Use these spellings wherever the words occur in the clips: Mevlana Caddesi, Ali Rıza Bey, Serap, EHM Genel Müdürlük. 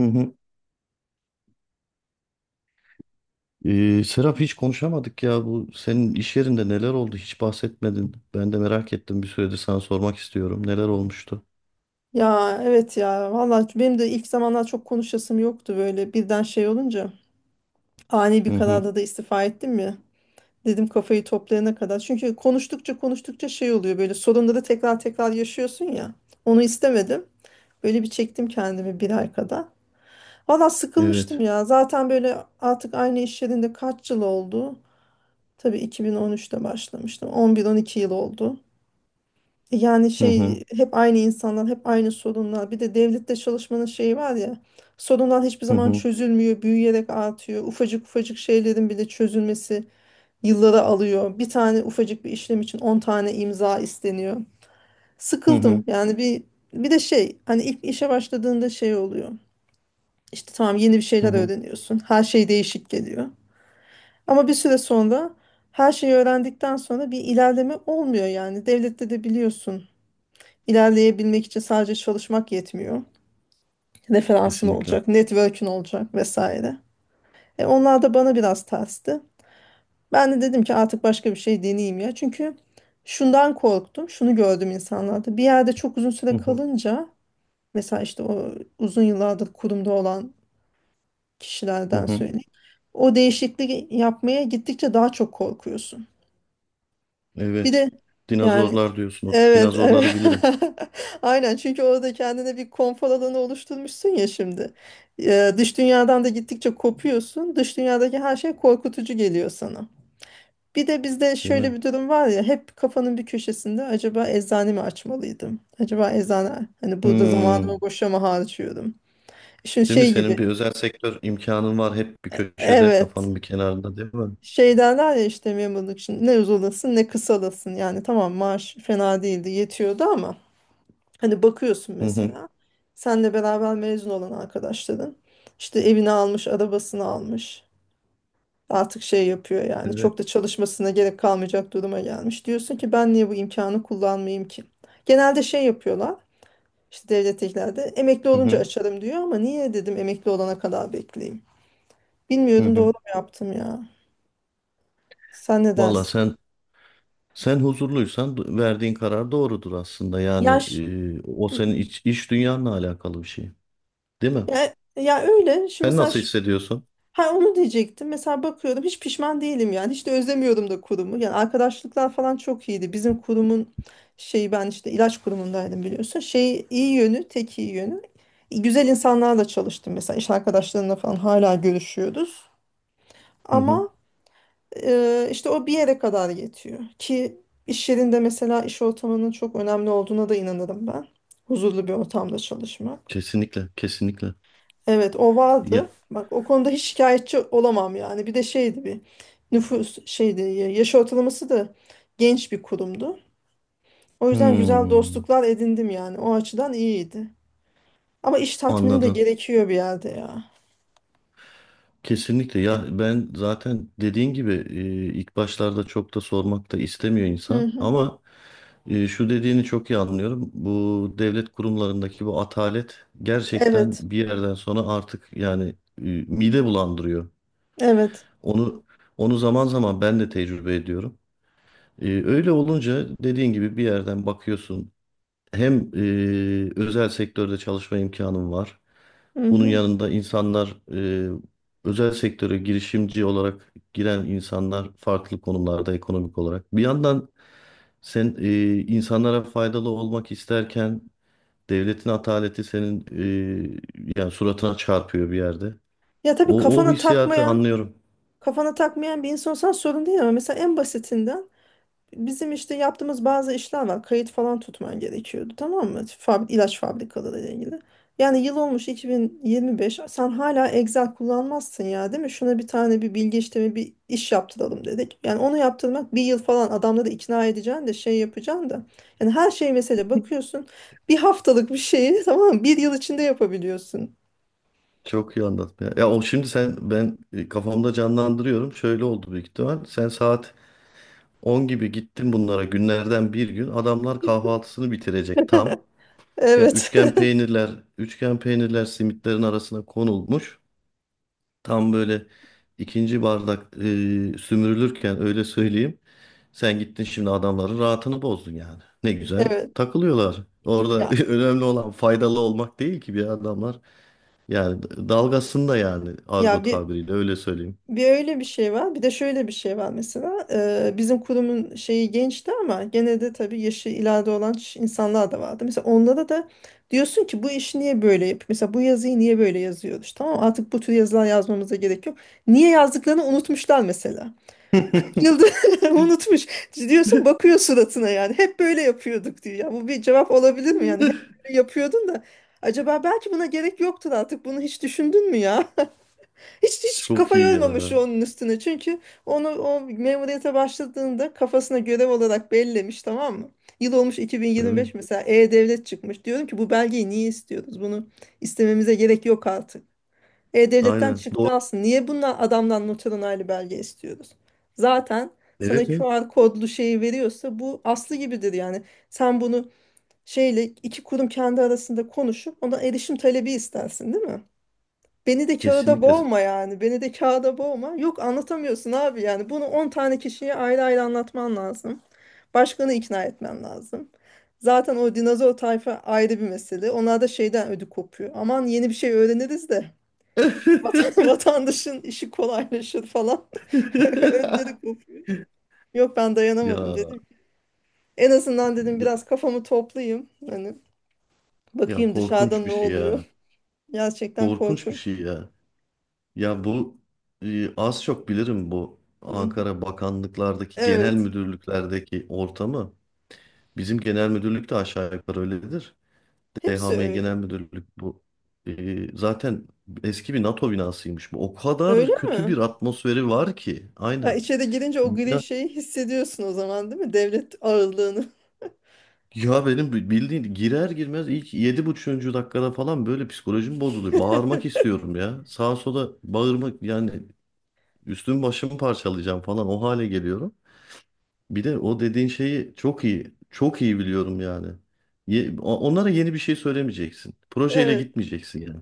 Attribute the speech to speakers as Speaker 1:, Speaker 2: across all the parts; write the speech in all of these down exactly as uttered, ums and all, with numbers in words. Speaker 1: Hı hı. Ee, Serap hiç konuşamadık ya bu senin iş yerinde neler oldu hiç bahsetmedin. Ben de merak ettim bir süredir sana sormak istiyorum. Neler olmuştu?
Speaker 2: Ya evet ya valla benim de ilk zamanlar çok konuşasım yoktu, böyle birden şey olunca ani
Speaker 1: Hı
Speaker 2: bir
Speaker 1: hı.
Speaker 2: kararda da istifa ettim ya, dedim kafayı toplayana kadar. Çünkü konuştukça konuştukça şey oluyor, böyle sorunları tekrar tekrar yaşıyorsun ya, onu istemedim. Böyle bir çektim kendimi bir ay kadar. Valla sıkılmıştım
Speaker 1: Evet.
Speaker 2: ya zaten, böyle artık aynı iş yerinde kaç yıl oldu, tabii iki bin on üçte başlamıştım, on bir on iki yıl oldu. Yani
Speaker 1: Hı hı.
Speaker 2: şey, hep aynı insanlar, hep aynı sorunlar. Bir de devlette çalışmanın şeyi var ya. Sorunlar hiçbir
Speaker 1: Hı
Speaker 2: zaman
Speaker 1: hı.
Speaker 2: çözülmüyor, büyüyerek artıyor. Ufacık ufacık şeylerin bile çözülmesi yılları alıyor. Bir tane ufacık bir işlem için on tane imza isteniyor.
Speaker 1: Hı hı.
Speaker 2: Sıkıldım. Yani bir bir de şey, hani ilk işe başladığında şey oluyor. İşte tamam, yeni bir
Speaker 1: Hı
Speaker 2: şeyler
Speaker 1: hı.
Speaker 2: öğreniyorsun. Her şey değişik geliyor. Ama bir süre sonra, her şeyi öğrendikten sonra bir ilerleme olmuyor yani. Devlette de biliyorsun, İlerleyebilmek için sadece çalışmak yetmiyor. Referansın
Speaker 1: Kesinlikle.
Speaker 2: olacak, network'ün olacak vesaire. E onlar da bana biraz tersti. Ben de dedim ki artık başka bir şey deneyeyim ya. Çünkü şundan korktum, şunu gördüm insanlarda. Bir yerde çok uzun
Speaker 1: Hı
Speaker 2: süre
Speaker 1: hı.
Speaker 2: kalınca, mesela işte o uzun yıllardır kurumda olan
Speaker 1: Hı
Speaker 2: kişilerden
Speaker 1: hı.
Speaker 2: söyleyeyim, o değişikliği yapmaya gittikçe daha çok korkuyorsun. Bir
Speaker 1: Evet.
Speaker 2: de yani,
Speaker 1: Dinozorlar diyorsun. O
Speaker 2: evet
Speaker 1: dinozorları
Speaker 2: evet,
Speaker 1: bilirim.
Speaker 2: aynen, çünkü orada kendine bir konfor alanı oluşturmuşsun ya şimdi. Ee, dış dünyadan da gittikçe kopuyorsun. Dış dünyadaki her şey korkutucu geliyor sana. Bir de bizde
Speaker 1: Değil
Speaker 2: şöyle
Speaker 1: mi?
Speaker 2: bir durum var ya, hep kafanın bir köşesinde acaba eczane mi açmalıydım? Acaba eczane, hani burada
Speaker 1: Hmm.
Speaker 2: zamanımı boşa mı harcıyorum? Şimdi
Speaker 1: Değil mi?
Speaker 2: şey gibi,
Speaker 1: Senin bir özel sektör imkanın var hep bir köşede,
Speaker 2: evet,
Speaker 1: kafanın bir kenarında değil mi?
Speaker 2: şey derler ya işte, memurluk için ne uzalasın ne kısalasın. Yani tamam, maaş fena değildi, yetiyordu ama hani bakıyorsun
Speaker 1: Hı hı.
Speaker 2: mesela, senle beraber mezun olan arkadaşların işte evini almış, arabasını almış. Artık şey yapıyor yani,
Speaker 1: Evet.
Speaker 2: çok da çalışmasına gerek kalmayacak duruma gelmiş. Diyorsun ki ben niye bu imkanı kullanmayayım ki? Genelde şey yapıyorlar, işte devletteklerde emekli
Speaker 1: Hı
Speaker 2: olunca
Speaker 1: hı.
Speaker 2: açarım diyor, ama niye dedim emekli olana kadar bekleyeyim.
Speaker 1: Hı
Speaker 2: Bilmiyorum doğru
Speaker 1: hı.
Speaker 2: mu yaptım ya. Sen ne
Speaker 1: Valla
Speaker 2: dersin?
Speaker 1: sen Sen huzurluysan verdiğin karar doğrudur aslında. Yani
Speaker 2: Yaş.
Speaker 1: e, o
Speaker 2: Hı
Speaker 1: senin
Speaker 2: hı.
Speaker 1: iç, iç dünyanla alakalı bir şey. Değil mi?
Speaker 2: Ya, ya öyle. Şimdi
Speaker 1: Sen
Speaker 2: mesela,
Speaker 1: nasıl hissediyorsun?
Speaker 2: ha onu diyecektim. Mesela bakıyorum hiç pişman değilim yani. Hiç de özlemiyordum da kurumu. Yani arkadaşlıklar falan çok iyiydi. Bizim kurumun şeyi, ben işte ilaç kurumundaydım biliyorsun. Şey iyi yönü, tek iyi yönü, güzel insanlarla çalıştım mesela. İş arkadaşlarımla falan hala görüşüyoruz.
Speaker 1: Hı hı.
Speaker 2: Ama e, işte o bir yere kadar yetiyor. Ki iş yerinde, mesela iş ortamının çok önemli olduğuna da inanırım ben. Huzurlu bir ortamda çalışmak.
Speaker 1: Kesinlikle, kesinlikle.
Speaker 2: Evet, o vardı.
Speaker 1: Ya,
Speaker 2: Bak, o konuda hiç şikayetçi olamam yani. Bir de şeydi, bir nüfus şeydi, ya- yaş ortalaması da genç bir kurumdu. O yüzden güzel
Speaker 1: Hmm,
Speaker 2: dostluklar edindim yani. O açıdan iyiydi. Ama iş tatmini de
Speaker 1: anladım.
Speaker 2: gerekiyor bir yerde ya.
Speaker 1: Kesinlikle. Ya ben zaten dediğin gibi e, ilk başlarda çok da sormak da istemiyor
Speaker 2: Hı
Speaker 1: insan.
Speaker 2: hı.
Speaker 1: Ama e, şu dediğini çok iyi anlıyorum. Bu devlet kurumlarındaki bu atalet gerçekten
Speaker 2: Evet.
Speaker 1: bir yerden sonra artık yani e, mide bulandırıyor.
Speaker 2: Evet.
Speaker 1: Onu onu zaman zaman ben de tecrübe ediyorum. Ee, öyle olunca dediğin gibi bir yerden bakıyorsun. Hem e, özel sektörde çalışma imkanım var.
Speaker 2: Hı
Speaker 1: Bunun
Speaker 2: hı.
Speaker 1: yanında insanlar e, özel sektöre girişimci olarak giren insanlar farklı konumlarda ekonomik olarak. Bir yandan sen e, insanlara faydalı olmak isterken devletin ataleti senin e, yani suratına çarpıyor bir yerde.
Speaker 2: Ya tabii
Speaker 1: O, o
Speaker 2: kafana
Speaker 1: hissiyatı
Speaker 2: takmayan,
Speaker 1: anlıyorum.
Speaker 2: kafana takmayan bir insansan sorun değil, ama mesela en basitinden, bizim işte yaptığımız bazı işler var. Kayıt falan tutman gerekiyordu, tamam mı? Fabri ilaç fabrikaları ile ilgili. Yani yıl olmuş iki bin yirmi beş, sen hala Excel kullanmazsın ya, değil mi? Şuna bir tane bir bilgi işlemi bir iş yaptıralım dedik. Yani onu yaptırmak bir yıl falan, adamları ikna edeceksin de şey yapacaksın da. Yani her şey mesela, bakıyorsun bir haftalık bir şeyi tamam mı? Bir yıl içinde yapabiliyorsun.
Speaker 1: Çok iyi anlattın ya. Ya o şimdi sen ben e, kafamda canlandırıyorum. Şöyle oldu büyük ihtimal. Sen saat on gibi gittin bunlara günlerden bir gün. Adamlar kahvaltısını bitirecek tam. Ya
Speaker 2: Evet.
Speaker 1: üçgen peynirler, üçgen peynirler simitlerin arasına konulmuş. Tam böyle ikinci bardak e, sümürülürken öyle söyleyeyim. Sen gittin şimdi adamların rahatını bozdun yani. Ne güzel
Speaker 2: Evet.
Speaker 1: takılıyorlar. Orada
Speaker 2: Ya,
Speaker 1: önemli olan faydalı olmak değil ki bir adamlar. Yani dalgasında yani argo
Speaker 2: ya bir
Speaker 1: tabiriyle öyle söyleyeyim.
Speaker 2: Bir öyle bir şey var. Bir de şöyle bir şey var mesela. Eee, bizim kurumun şeyi gençti ama gene de tabii yaşı ileride olan ş- insanlar da vardı. Mesela onlara da diyorsun ki bu işi niye böyle yap? Mesela bu yazıyı niye böyle yazıyoruz? Tamam mı? Artık bu tür yazılar yazmamıza gerek yok. Niye yazdıklarını unutmuşlar mesela. kırk yıldır unutmuş. Diyorsun, bakıyor suratına yani. Hep böyle yapıyorduk diyor. Ya bu bir cevap olabilir mi yani? Hep böyle yapıyordun da, acaba belki buna gerek yoktur artık. Bunu hiç düşündün mü ya? Hiç hiç
Speaker 1: Çok
Speaker 2: kafa
Speaker 1: iyi
Speaker 2: yormamış
Speaker 1: ya.
Speaker 2: onun üstüne. Çünkü onu, o memuriyete başladığında kafasına görev olarak bellemiş, tamam mı? Yıl olmuş
Speaker 1: Evet.
Speaker 2: iki bin yirmi beş, mesela E-Devlet çıkmış. Diyorum ki bu belgeyi niye istiyoruz? Bunu istememize gerek yok artık. E-Devlet'ten
Speaker 1: Aynen.
Speaker 2: çıktı
Speaker 1: Doğru.
Speaker 2: aslında. Niye bundan, adamdan noter onaylı belge istiyoruz? Zaten sana
Speaker 1: Evet, evet.
Speaker 2: Q R kodlu şeyi veriyorsa bu aslı gibidir yani. Sen bunu şeyle, iki kurum kendi arasında konuşup ona erişim talebi istersin, değil mi? Beni de kağıda
Speaker 1: Kesinlikle.
Speaker 2: boğma yani. Beni de kağıda boğma. Yok, anlatamıyorsun abi yani. Bunu on tane kişiye ayrı ayrı anlatman lazım. Başkanı ikna etmen lazım. Zaten o dinozor tayfa ayrı bir mesele. Onlar da şeyden ödü kopuyor. Aman, yeni bir şey öğreniriz de vatan- vatandaşın işi kolaylaşır falan. Ödleri kopuyor. Yok, ben dayanamadım
Speaker 1: Ya,
Speaker 2: dedim ki, en azından dedim
Speaker 1: ya
Speaker 2: biraz kafamı toplayayım. Hani
Speaker 1: ya
Speaker 2: bakayım dışarıda
Speaker 1: korkunç bir
Speaker 2: ne
Speaker 1: şey
Speaker 2: oluyor.
Speaker 1: ya.
Speaker 2: Gerçekten
Speaker 1: Korkunç bir
Speaker 2: korkunç.
Speaker 1: şey ya. Ya bu e, az çok bilirim bu Ankara bakanlıklardaki genel
Speaker 2: Evet.
Speaker 1: müdürlüklerdeki ortamı. Bizim genel müdürlük de aşağı yukarı öyledir.
Speaker 2: Hepsi
Speaker 1: E H M Genel
Speaker 2: öyle.
Speaker 1: Müdürlük bu. Ee, zaten eski bir NATO binasıymış bu. O
Speaker 2: Öyle
Speaker 1: kadar kötü bir
Speaker 2: mi?
Speaker 1: atmosferi var ki.
Speaker 2: Ya
Speaker 1: Aynen.
Speaker 2: içeri girince o gri
Speaker 1: Bina,
Speaker 2: şeyi hissediyorsun o zaman, değil mi? Devlet ağırlığını.
Speaker 1: ya benim bildiğin girer girmez ilk yedi buçuğuncu dakikada falan böyle psikolojim bozuluyor. Bağırmak istiyorum ya. Sağa sola bağırmak yani üstümü başımı parçalayacağım falan o hale geliyorum. Bir de o dediğin şeyi çok iyi, çok iyi biliyorum yani. Ye- o- onlara yeni bir şey söylemeyeceksin. Projeyle
Speaker 2: Evet,
Speaker 1: gitmeyeceksin yani.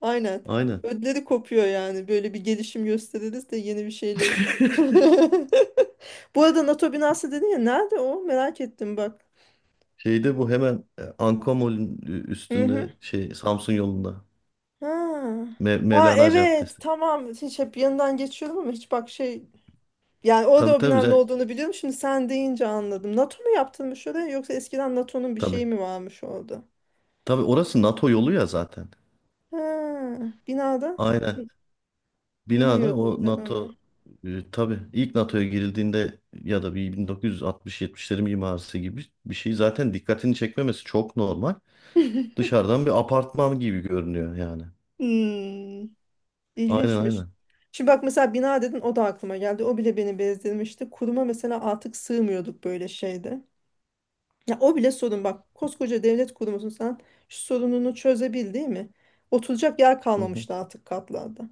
Speaker 2: aynen.
Speaker 1: Aynen.
Speaker 2: Ödleri kopuyor yani. Böyle bir gelişim gösteririz de yeni bir şeyle. Bu arada NATO binası dedin ya, nerede o? Merak ettim bak.
Speaker 1: Şeyde bu hemen e, Anka
Speaker 2: Hı hı.
Speaker 1: üstünde şey Samsun yolunda.
Speaker 2: Ha.
Speaker 1: Me-
Speaker 2: Aa
Speaker 1: Mevlana
Speaker 2: evet,
Speaker 1: Caddesi.
Speaker 2: tamam. Hiç, hep yanından geçiyorum ama hiç bak şey, yani orada
Speaker 1: Tabii
Speaker 2: o
Speaker 1: tabii
Speaker 2: binanın ne
Speaker 1: za-
Speaker 2: olduğunu biliyorum. Şimdi sen deyince anladım. NATO mu yaptırmış oraya, yoksa eskiden NATO'nun bir
Speaker 1: tabii.
Speaker 2: şeyi mi varmış orada?
Speaker 1: Tabii orası NATO yolu ya zaten.
Speaker 2: Ha, binada.
Speaker 1: Aynen. Binada
Speaker 2: Bilmiyordum
Speaker 1: o
Speaker 2: ben
Speaker 1: NATO
Speaker 2: onu.
Speaker 1: e, tabii ilk NATO'ya girildiğinde ya da bir bin dokuz yüz altmış yetmişlerin mimarisi gibi bir şey zaten dikkatini çekmemesi çok normal. Dışarıdan bir apartman gibi görünüyor yani.
Speaker 2: Hmm,
Speaker 1: Aynen
Speaker 2: ilginçmiş.
Speaker 1: aynen.
Speaker 2: Şimdi bak mesela, bina dedin, o da aklıma geldi. O bile beni bezdirmişti. Kuruma mesela artık sığmıyorduk böyle şeyde. Ya o bile sorun bak. Koskoca devlet kurumusun sen, şu sorununu çözebil değil mi? Oturacak yer
Speaker 1: Hı hı.
Speaker 2: kalmamıştı artık katlarda.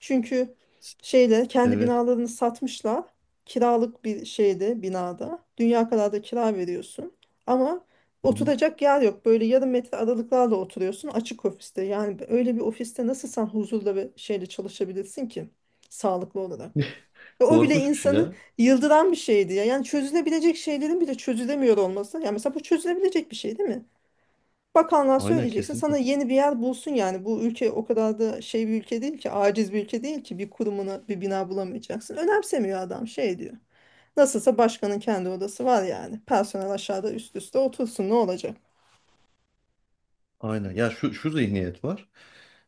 Speaker 2: Çünkü şeyle, kendi
Speaker 1: Evet.
Speaker 2: binalarını satmışlar. Kiralık bir şeyde, binada. Dünya kadar da kira veriyorsun. Ama
Speaker 1: Hı hı.
Speaker 2: oturacak yer yok. Böyle yarım metre aralıklarla oturuyorsun açık ofiste. Yani öyle bir ofiste nasıl sen huzurla ve şeyle çalışabilirsin ki? Sağlıklı olarak. Ve o bile
Speaker 1: Korkunç bir şey
Speaker 2: insanı
Speaker 1: ya.
Speaker 2: yıldıran bir şeydi ya. Yani çözülebilecek şeylerin bile çözülemiyor olması. Yani mesela bu çözülebilecek bir şey değil mi? Bakanlığa
Speaker 1: Aynen
Speaker 2: söyleyeceksin, sana
Speaker 1: kesinlikle.
Speaker 2: yeni bir yer bulsun yani. Bu ülke o kadar da şey bir ülke değil ki, aciz bir ülke değil ki bir kurumuna bir bina bulamayacaksın. Önemsemiyor adam, şey diyor, nasılsa başkanın kendi odası var yani. Personel aşağıda üst üste otursun ne olacak?
Speaker 1: Aynen. Ya şu şu zihniyet var.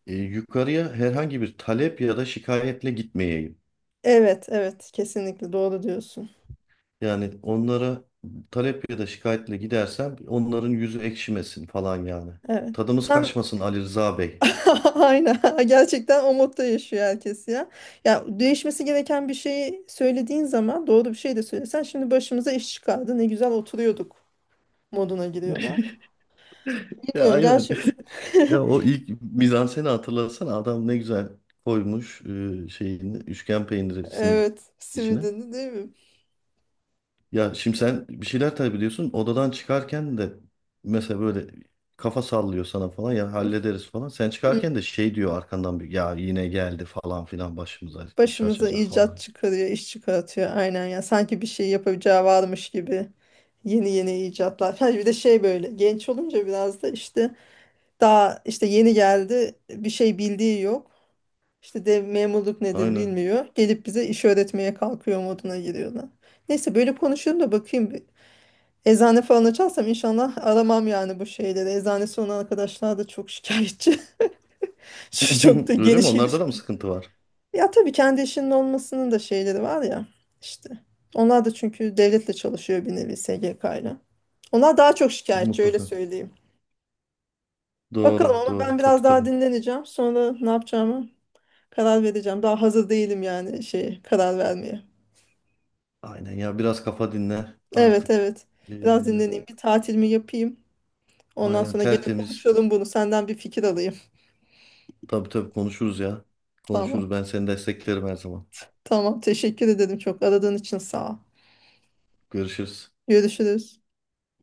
Speaker 1: e, yukarıya herhangi bir talep ya da şikayetle gitmeyeyim.
Speaker 2: Evet, evet. Kesinlikle doğru diyorsun.
Speaker 1: Yani onlara talep ya da şikayetle gidersem onların yüzü ekşimesin falan yani.
Speaker 2: Evet.
Speaker 1: Tadımız
Speaker 2: Sen.
Speaker 1: kaçmasın Ali Rıza Bey.
Speaker 2: Aynen. Gerçekten o modda yaşıyor herkes ya. Ya değişmesi gereken bir şeyi söylediğin zaman, doğru bir şey de söylesen, şimdi başımıza iş çıkardı, ne güzel oturuyorduk moduna giriyorlar.
Speaker 1: Ya
Speaker 2: Bilmiyorum
Speaker 1: aynen.
Speaker 2: gerçi,
Speaker 1: Ya o ilk mizanseni hatırlasana adam ne güzel koymuş e, şeyini üçgen peyniri simidin
Speaker 2: evet,
Speaker 1: içine.
Speaker 2: Sivri'nin değil mi?
Speaker 1: Ya şimdi sen bir şeyler tabii biliyorsun. Odadan çıkarken de mesela böyle kafa sallıyor sana falan ya hallederiz falan. Sen
Speaker 2: Hı
Speaker 1: çıkarken
Speaker 2: hı.
Speaker 1: de şey diyor arkandan bir ya yine geldi falan filan başımıza iş
Speaker 2: Başımıza
Speaker 1: açacak
Speaker 2: icat
Speaker 1: falan.
Speaker 2: çıkarıyor, iş çıkartıyor. Aynen ya. Sanki bir şey yapacağı varmış gibi. Yeni yeni icatlar. Ha, bir de şey, böyle genç olunca biraz da işte, daha işte yeni geldi, bir şey bildiği yok. İşte de memurluk nedir
Speaker 1: Aynen.
Speaker 2: bilmiyor. Gelip bize iş öğretmeye kalkıyor moduna giriyorlar. Neyse, böyle konuşuyorum da bakayım bir. Eczane falan açarsam inşallah aramam yani bu şeyleri. Eczanesi olan arkadaşlar da çok şikayetçi. Şu çok da
Speaker 1: Öyle mi?
Speaker 2: geniş geniş
Speaker 1: Onlarda da mı
Speaker 2: konu.
Speaker 1: sıkıntı var?
Speaker 2: Ya tabii kendi işinin olmasının da şeyleri var ya işte. Onlar da çünkü devletle çalışıyor bir nevi, S G K ile. Onlar daha çok şikayetçi öyle
Speaker 1: Mutlaka.
Speaker 2: söyleyeyim. Bakalım,
Speaker 1: Doğru,
Speaker 2: ama ben
Speaker 1: doğru. Tabii
Speaker 2: biraz daha
Speaker 1: tabii.
Speaker 2: dinleneceğim. Sonra ne yapacağımı karar vereceğim. Daha hazır değilim yani şey, karar vermeye.
Speaker 1: Aynen ya biraz kafa dinle
Speaker 2: Evet
Speaker 1: artık.
Speaker 2: evet.
Speaker 1: Ee,
Speaker 2: Biraz dinleneyim. Bir tatilimi yapayım. Ondan
Speaker 1: aynen
Speaker 2: sonra gene
Speaker 1: tertemiz.
Speaker 2: konuşalım bunu. Senden bir fikir alayım.
Speaker 1: Tabii tabii konuşuruz ya. Konuşuruz.
Speaker 2: Tamam.
Speaker 1: Ben seni desteklerim her zaman.
Speaker 2: Tamam. Teşekkür ederim çok. Aradığın için sağ ol.
Speaker 1: Görüşürüz.
Speaker 2: Görüşürüz.